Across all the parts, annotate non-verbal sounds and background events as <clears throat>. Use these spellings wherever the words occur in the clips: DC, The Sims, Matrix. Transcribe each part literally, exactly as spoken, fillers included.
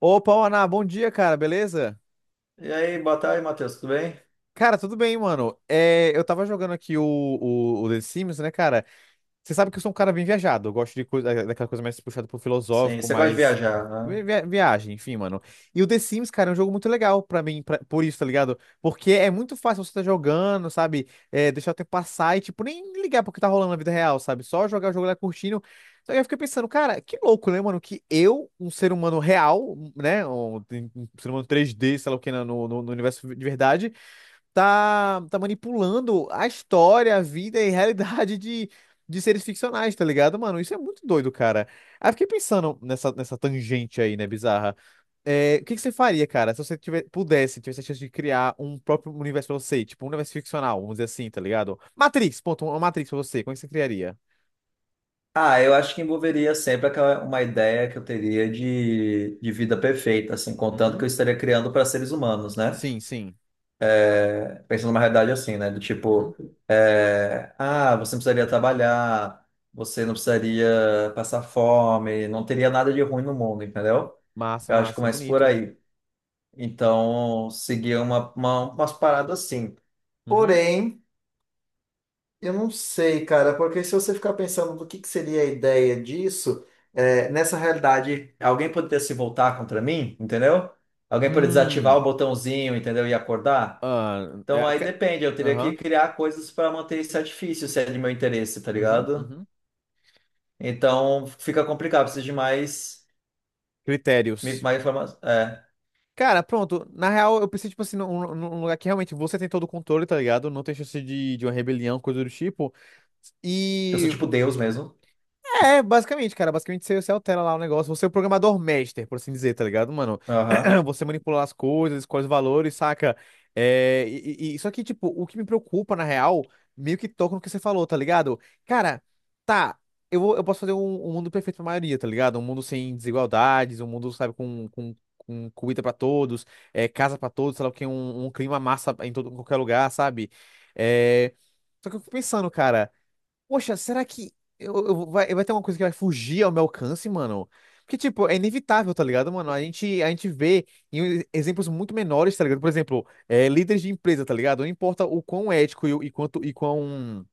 Opa, Ana, bom dia, cara, beleza? E aí, boa tarde, Matheus, tudo bem? Cara, tudo bem, mano. É, eu tava jogando aqui o, o, o The Sims, né, cara? Você sabe que eu sou um cara bem viajado. Eu gosto de coisa, daquela coisa mais puxada pro Sim, filosófico, você gosta de mais viajar, né? vi- vi- viagem, enfim, mano. E o The Sims, cara, é um jogo muito legal pra mim, pra- por isso, tá ligado? Porque é muito fácil você tá jogando, sabe? É, deixar o tempo passar e, tipo, nem ligar pro que tá rolando na vida real, sabe? Só jogar o jogo lá curtindo. Então eu fiquei pensando, cara, que louco, né, mano? Que eu, um ser humano real, né? Um, um ser humano três d sei lá o que, né, no, no no universo de verdade tá, tá manipulando a história, a vida e a realidade de, de seres ficcionais, tá ligado, mano? Isso é muito doido, cara. Aí eu fiquei pensando nessa, nessa tangente aí, né, bizarra. É, o que que você faria, cara, se você tiver, pudesse, tivesse a chance de criar um próprio universo pra você, tipo um universo ficcional, vamos dizer assim, tá ligado? Matrix, ponto, uma Matrix pra você, como é que você criaria? Ah, eu acho que envolveria sempre aquela, uma ideia que eu teria de, de vida perfeita, assim, contando que Uhum. eu estaria criando para seres humanos, né? Sim, sim. Pensando numa realidade assim, né? Do Uhum. tipo, é, ah, você não precisaria trabalhar, você não precisaria passar fome, não teria nada de ruim no mundo, entendeu? Massa, Eu acho que é massa, mais por bonito. aí. Então, seguir uma, uma, umas paradas assim. Uhum. Porém. Eu não sei, cara, porque se você ficar pensando do que que seria a ideia disso, é, nessa realidade, alguém poderia se voltar contra mim, entendeu? Alguém poderia desativar Hum. o botãozinho, entendeu? E acordar. Ah, Então é, aí ca- depende, eu teria que Aham. criar coisas para manter esse artifício, se é de meu interesse, tá Uhum. ligado? Uhum. Então fica complicado, preciso de mais, Critérios. mais informação. É, Cara, pronto. Na real, eu pensei, tipo assim, num, num lugar que realmente você tem todo o controle, tá ligado? Não tem chance de, de uma rebelião, coisa do tipo. eu sou E tipo Deus mesmo. é, basicamente, cara. Basicamente você, você altera lá o negócio. Você é o programador master, por assim dizer, tá ligado, mano? <clears throat> Você manipula as coisas, escolhe os valores, saca? É, e, e- e- só que, tipo, o que me preocupa, na real, meio que toca no que você falou, tá ligado? Cara, tá. Eu, vou- eu posso fazer um, um mundo perfeito pra maioria, tá ligado? Um mundo sem desigualdades, um mundo, sabe, com, com, com comida pra todos, é, casa pra todos, sei lá o que, um, um clima massa em todo, em qualquer lugar, sabe? É, só que eu fico pensando, cara. Poxa, será que eu, eu- vai, vai ter uma coisa que vai fugir ao meu alcance, mano? Porque, tipo, é inevitável, tá ligado, mano? A gente, a gente vê em exemplos muito menores, tá ligado? Por exemplo, é, líderes de empresa, tá ligado? Não importa o quão ético e, o- e quanto e quão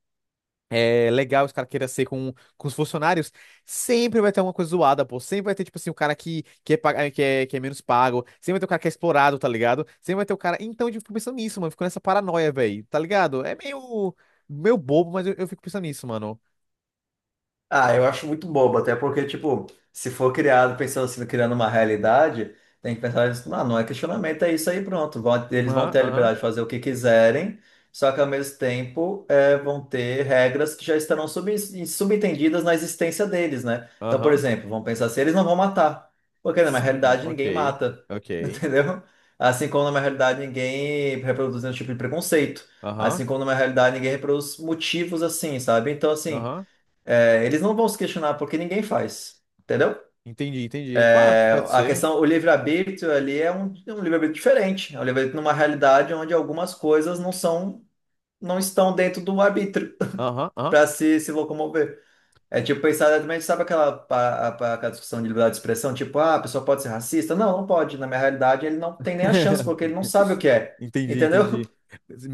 é, legal os caras queiram ser com, com os funcionários, sempre vai ter uma coisa zoada, pô. Sempre vai ter, tipo assim, o cara que, que, é, paga- que, é, que é menos pago, sempre vai ter o cara que é explorado, tá ligado? Sempre vai ter o cara. Então, eu fico pensando nisso, mano. Fico nessa paranoia, velho, tá ligado? É meio, meio bobo, mas eu eu fico pensando nisso, mano. Ah, eu acho muito bobo, até porque, tipo, se for criado pensando assim, criando uma realidade, tem que pensar, isso, não, não é questionamento, é isso aí, pronto. Vão- Aham, Eles vão ter a aham, liberdade de fazer o que quiserem, só que ao mesmo tempo é, vão ter regras que já estarão sub- subentendidas na existência deles, né? Então, por aham. exemplo, vamos pensar assim, eles não vão matar, porque na minha Hum, realidade ok, ninguém mata, <laughs> ok. entendeu? Assim como na minha realidade ninguém reproduz nenhum tipo de preconceito, Aham, assim como na minha realidade ninguém reproduz motivos assim, sabe? Então, assim. aham. É, eles não vão se questionar porque ninguém faz, entendeu? Entendi, entendi. Pá, É, pode a ser. questão, o livre-arbítrio ali é um, é um livre-arbítrio diferente, é um livre-arbítrio numa realidade onde algumas coisas não são, não estão dentro do arbítrio Aham, aham. para se, se locomover. É tipo pensar exatamente, sabe aquela, pa- a- pa- aquela discussão de liberdade de expressão, tipo, ah, a pessoa pode ser racista? Não, não pode. Na minha realidade, ele não tem nem a chance, porque ele <laughs> não sabe o que é, Entendi, entendeu? entendi.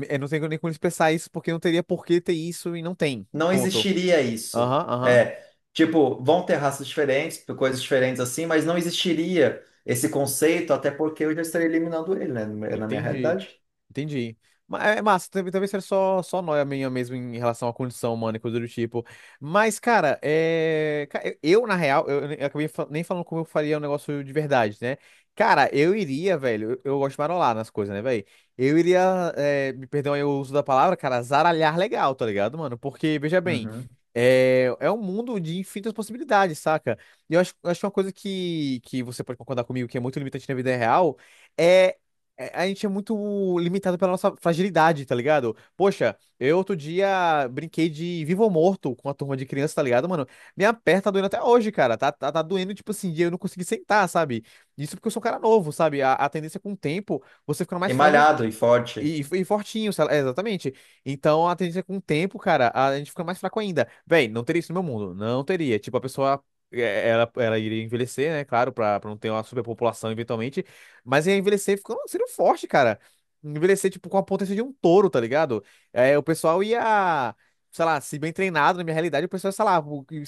Eu não tenho nem como expressar isso porque não teria por que ter isso e não tem. Não Ponto. existiria isso. Aham, aham. É, tipo, vão ter raças diferentes, coisas diferentes assim, mas não existiria esse conceito, até porque eu já estaria eliminando ele, né, na minha Entendi. realidade. Entendi. Ma- É massa, talvez talvez seja só, só nóia minha mesmo em relação à condição humana e coisa do tipo. Mas, cara, é... ca- eu, eu, na real, eu, eu acabei fa- nem falando como eu faria um negócio de verdade, né? Cara, eu iria, velho, eu, eu gosto de marolar nas coisas, né, velho? Eu iria, é, me perdão aí o uso da palavra, cara, zaralhar legal, tá ligado, mano? Porque, veja bem, Uhum. é, é um mundo de infinitas possibilidades, saca? E eu acho, eu acho uma coisa que, que você pode concordar comigo que é muito limitante na vida real. é é- A gente é muito limitado pela nossa fragilidade, tá ligado? Poxa, eu outro dia brinquei de vivo ou morto com a turma de criança, tá ligado, mano? Minha perna tá doendo até hoje, cara. Tá, tá, tá doendo, tipo assim, de eu não consegui sentar, sabe? Isso porque eu sou um cara novo, sabe? A, a tendência é com o tempo, você fica E mais frágil malhado e forte. e, e fortinho, sei lá, é, exatamente. Então, a tendência é que com o tempo, cara, a gente fica mais fraco ainda. Véi, não teria isso no meu mundo. Não teria. Tipo, a pessoa, é, ela, ela iria envelhecer, né? Claro, pra, pra não ter uma superpopulação eventualmente. Mas ia envelhecer ficando, sendo forte, cara. Envelhecer, tipo, com a potência de um touro, tá ligado? É, o pessoal ia, sei lá, se bem treinado, na minha realidade, o pessoal, sei lá,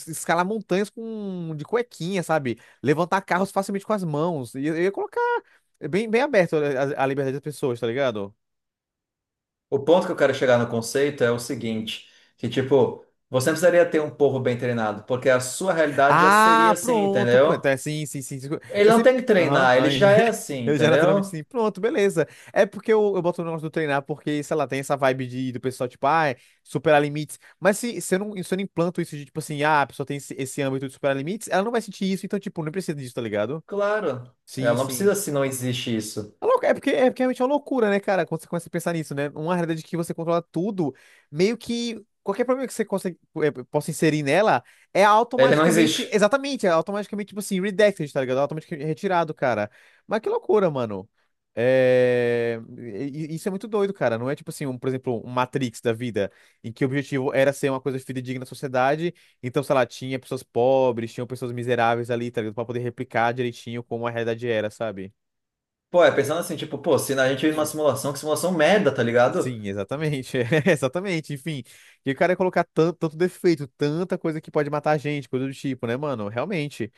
escalar montanhas com, de cuequinha, sabe? Levantar carros facilmente com as mãos. Eu, eu ia colocar bem, bem aberto a a liberdade das pessoas, tá ligado? O ponto que eu quero chegar no conceito é o seguinte, que tipo, você não precisaria ter um povo bem treinado, porque a sua realidade já seria Ah, assim, pronto. Pô, entendeu? então, é, sim, sim, sim. Sim. Ele Eu não sempre. tem que Aham. treinar, ele Ai, já é <laughs> assim, eu já naturalmente entendeu? sim. Pronto, beleza. É porque eu, eu boto o negócio do treinar, porque, sei lá, tem essa vibe de, do pessoal, tipo, ah, é superar limites. Mas se, se eu não, se eu não implanto isso de, tipo assim, ah, a pessoa tem esse, esse âmbito de superar limites, ela não vai sentir isso, então, tipo, não precisa disso, tá ligado? Claro. Ela Sim, não sim. precisa se não existe isso. É lou- é porque, é porque realmente é uma loucura, né, cara? Quando você começa a pensar nisso, né? Uma realidade que você controla tudo, meio que qualquer problema que você consegue, eh, possa inserir nela é Ele não automaticamente, existe. exatamente, é automaticamente, tipo assim, redacted, tá ligado? É automaticamente retirado, cara. Mas que loucura, mano. É... e- e- Isso é muito doido, cara. Não é tipo assim, um, por exemplo, um Matrix da vida, em que o objetivo era ser uma coisa fidedigna na sociedade. Então, sei lá, tinha pessoas pobres, tinham pessoas miseráveis ali, tá ligado? Pra poder replicar direitinho como a realidade era, sabe? Pô, é pensando assim, tipo, pô, se a gente vive numa simulação, que simulação merda, tá ligado? Sim, exatamente. <laughs> É, Exatamente. Enfim, e o cara ia colocar tanto, tanto defeito, tanta coisa que pode matar a gente, coisa do tipo, né, mano? Realmente.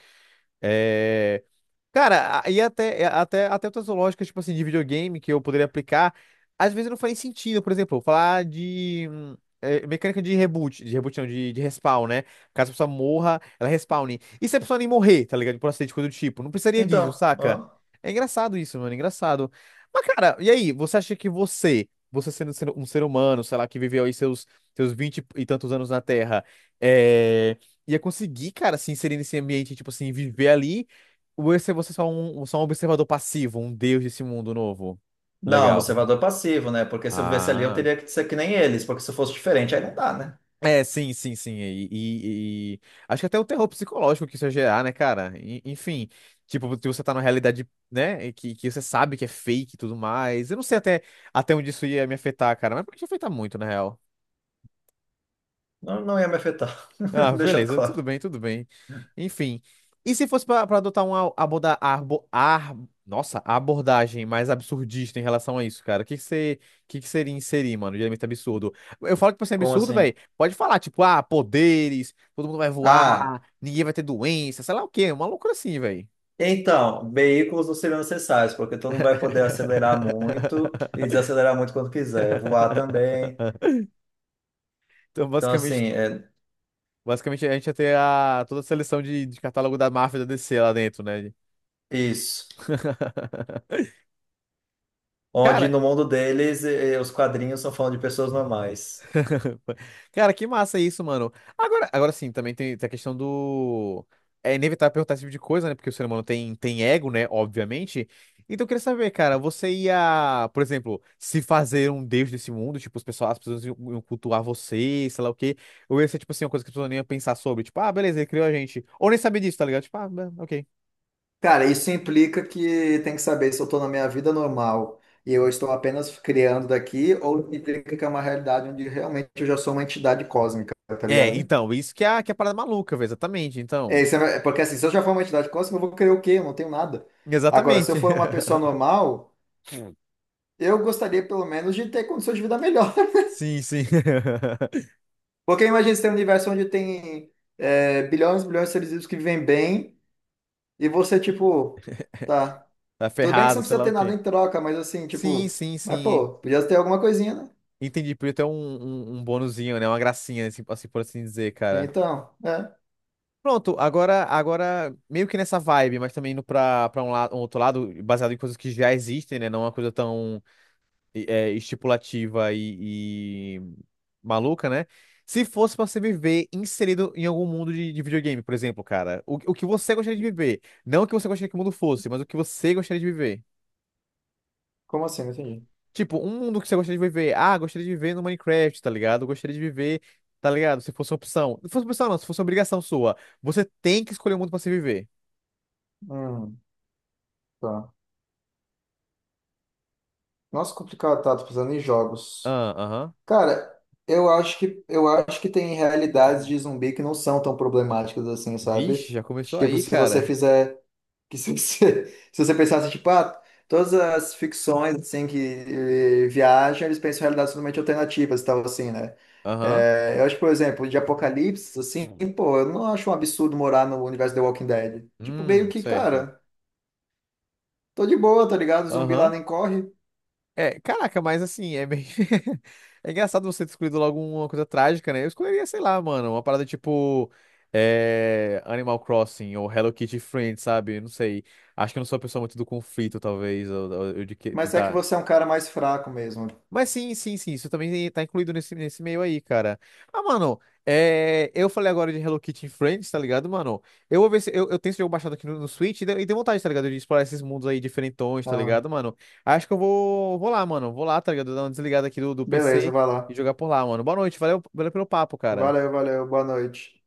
É, Cara, a- e até, é, até, até outras lógicas, tipo assim, de videogame que eu poderia aplicar, às vezes não faz sentido. Por exemplo, falar de hum, eh, mecânica de reboot, de reboot não, de, de respawn, né? Caso a pessoa morra, ela respawne. E se a pessoa nem morrer, tá ligado? Por acidente, coisa do tipo. Não precisaria disso, Então, saca? aham. É engraçado isso, mano, é engraçado. Mas, cara, e aí? Você acha que você, você sendo sendo um ser humano, sei lá, que viveu aí seus, seus vinte e tantos anos na Terra, é... ia conseguir, cara, se inserir nesse ambiente, tipo assim, viver ali? Ou esse é você só um, só um observador passivo, um deus desse mundo novo? Não, Legal. observador passivo, né? Porque se eu vivesse ali, eu Ah. teria que ser que nem eles, porque se eu fosse diferente, aí não dá, né? É, sim, sim, sim. E, e- e- acho que até o terror psicológico que isso ia gerar, né, cara? E- enfim, tipo, se você tá numa realidade, né, e que, que você sabe que é fake e tudo mais. Eu não sei até, até onde isso ia me afetar, cara, mas pode afetar muito, na real. Não, não ia me afetar. Ah, <laughs> Deixando beleza, tudo claro. bem, tudo bem. Enfim. E se fosse para adotar uma aborda, arbo, ar, nossa, abordagem mais absurdista em relação a isso, cara? O que que você, que que seria inserir, mano, de elemento absurdo? Eu falo que pra ser Como absurdo, velho. assim? Pode falar, tipo, ah, poderes, todo mundo vai Ah. voar, ninguém vai ter doença, sei lá o quê, uma loucura assim, velho. Então, veículos não seriam necessários, porque tu não vai poder acelerar muito e <laughs> desacelerar muito quando quiser. Voar também. Então, Então, basicamente, assim, é basicamente a gente ia ter a, toda a seleção de, de catálogo da máfia da D C lá dentro, né? isso. <laughs> Onde Cara, no mundo deles, eh, os quadrinhos são falando de pessoas normais. <laughs> cara, que massa isso, mano. Agora, agora sim, também tem, tem a questão do. É inevitável perguntar esse tipo de coisa, né? Porque o ser humano tem, tem ego, né? Obviamente. Então eu queria saber, cara, você ia, por exemplo, se fazer um deus desse mundo, tipo, os pessoal, as pessoas iam iam cultuar você, sei lá o quê. Ou ia ser, tipo assim, uma coisa que as pessoas nem iam pensar sobre, tipo, ah, beleza, ele criou a gente. Ou nem sabia disso, tá ligado? Tipo, ah, bem, ok. Cara, isso implica que tem que saber se eu estou na minha vida normal e eu estou apenas criando daqui, ou implica que é uma realidade onde realmente eu já sou uma entidade cósmica, tá É, ligado? então, isso que é a, que é a parada maluca, velho, exatamente, É, então. Isso é- porque assim, se eu já for uma entidade cósmica, eu vou querer o quê? Eu não tenho nada. Agora, se eu Exatamente. for uma pessoa <laughs> normal. Eu gostaria, pelo menos, de ter condições de vida melhor. Sim, sim. <laughs> <laughs> Porque imagina você tem um universo onde tem é, bilhões e bilhões de seres vivos que vivem bem, e você, tipo, tá. Tá Tudo bem que você ferrado, não sei precisa lá ter o nada quê. em troca, mas assim, Sim, tipo, sim, mas sim. pô, podia ter alguma coisinha, né? Entendi. Podia ter um, um, um bonuzinho, né? Uma gracinha, assim, assim, por assim dizer, cara. Então, é. Pronto, agora, agora, meio que nessa vibe, mas também indo pra, pra um, lado um outro lado, baseado em coisas que já existem, né? Não uma coisa tão é, estipulativa e, e maluca, né? Se fosse pra você viver inserido em algum mundo de, de videogame, por exemplo, cara, o, o que você gostaria de viver? Não o que você gostaria que o mundo fosse, mas o que você gostaria de viver. Como assim? Não entendi. Tipo, um mundo que você gostaria de viver. Ah, gostaria de viver no Minecraft, tá ligado? Gostaria de viver, tá ligado? Se fosse uma opção. Se fosse uma opção, não, se fosse uma obrigação sua. Você tem que escolher um mundo pra se viver. Hum, tá. Nossa, complicado, tá? Tô pensando em jogos. Ah, aham. Cara, eu acho que, eu acho que tem realidades Sim. de zumbi que não são tão problemáticas assim, sabe? Vixe, já começou Tipo, aí, se você cara. fizer. Que se você, <laughs> se você pensasse, tipo, ah, todas as ficções, assim, que eh, viajam, eles pensam em realidades totalmente alternativas e tal, assim, né? Aham. É, eu acho, por exemplo, de Apocalipse, assim, pô, eu não acho um absurdo morar no universo The Walking Dead. Tipo, meio Hum, que, certo. cara, tô de boa, tá ligado? O zumbi lá Aham. nem corre, É, caraca, mas assim, é meio. <laughs> É engraçado você ter escolhido logo uma coisa trágica, né? Eu escolheria, sei lá, mano, uma parada tipo. é, Animal Crossing ou Hello Kitty Friends, sabe? Não sei. Acho que eu não sou uma pessoa muito do conflito, talvez, ou, ou- ou de que- mas é que tentar você é um cara mais fraco mesmo. mas sim, sim, sim, isso também tá incluído nesse, nesse meio aí, cara. Ah, mano, é, eu falei agora de Hello Kitty em Friends, tá ligado, mano? Eu vou ver se eu, eu tenho esse jogo baixado aqui no, no Switch e deu, e deu vontade, tá ligado? De explorar esses mundos aí diferentões, tá Ah, ligado, mano? Acho que eu vou, vou lá, mano. Vou lá, tá ligado? Dar uma desligada aqui do, do P C beleza, vai e lá. jogar por lá, mano. Boa noite, valeu, valeu pelo papo, Valeu, cara. valeu, boa noite.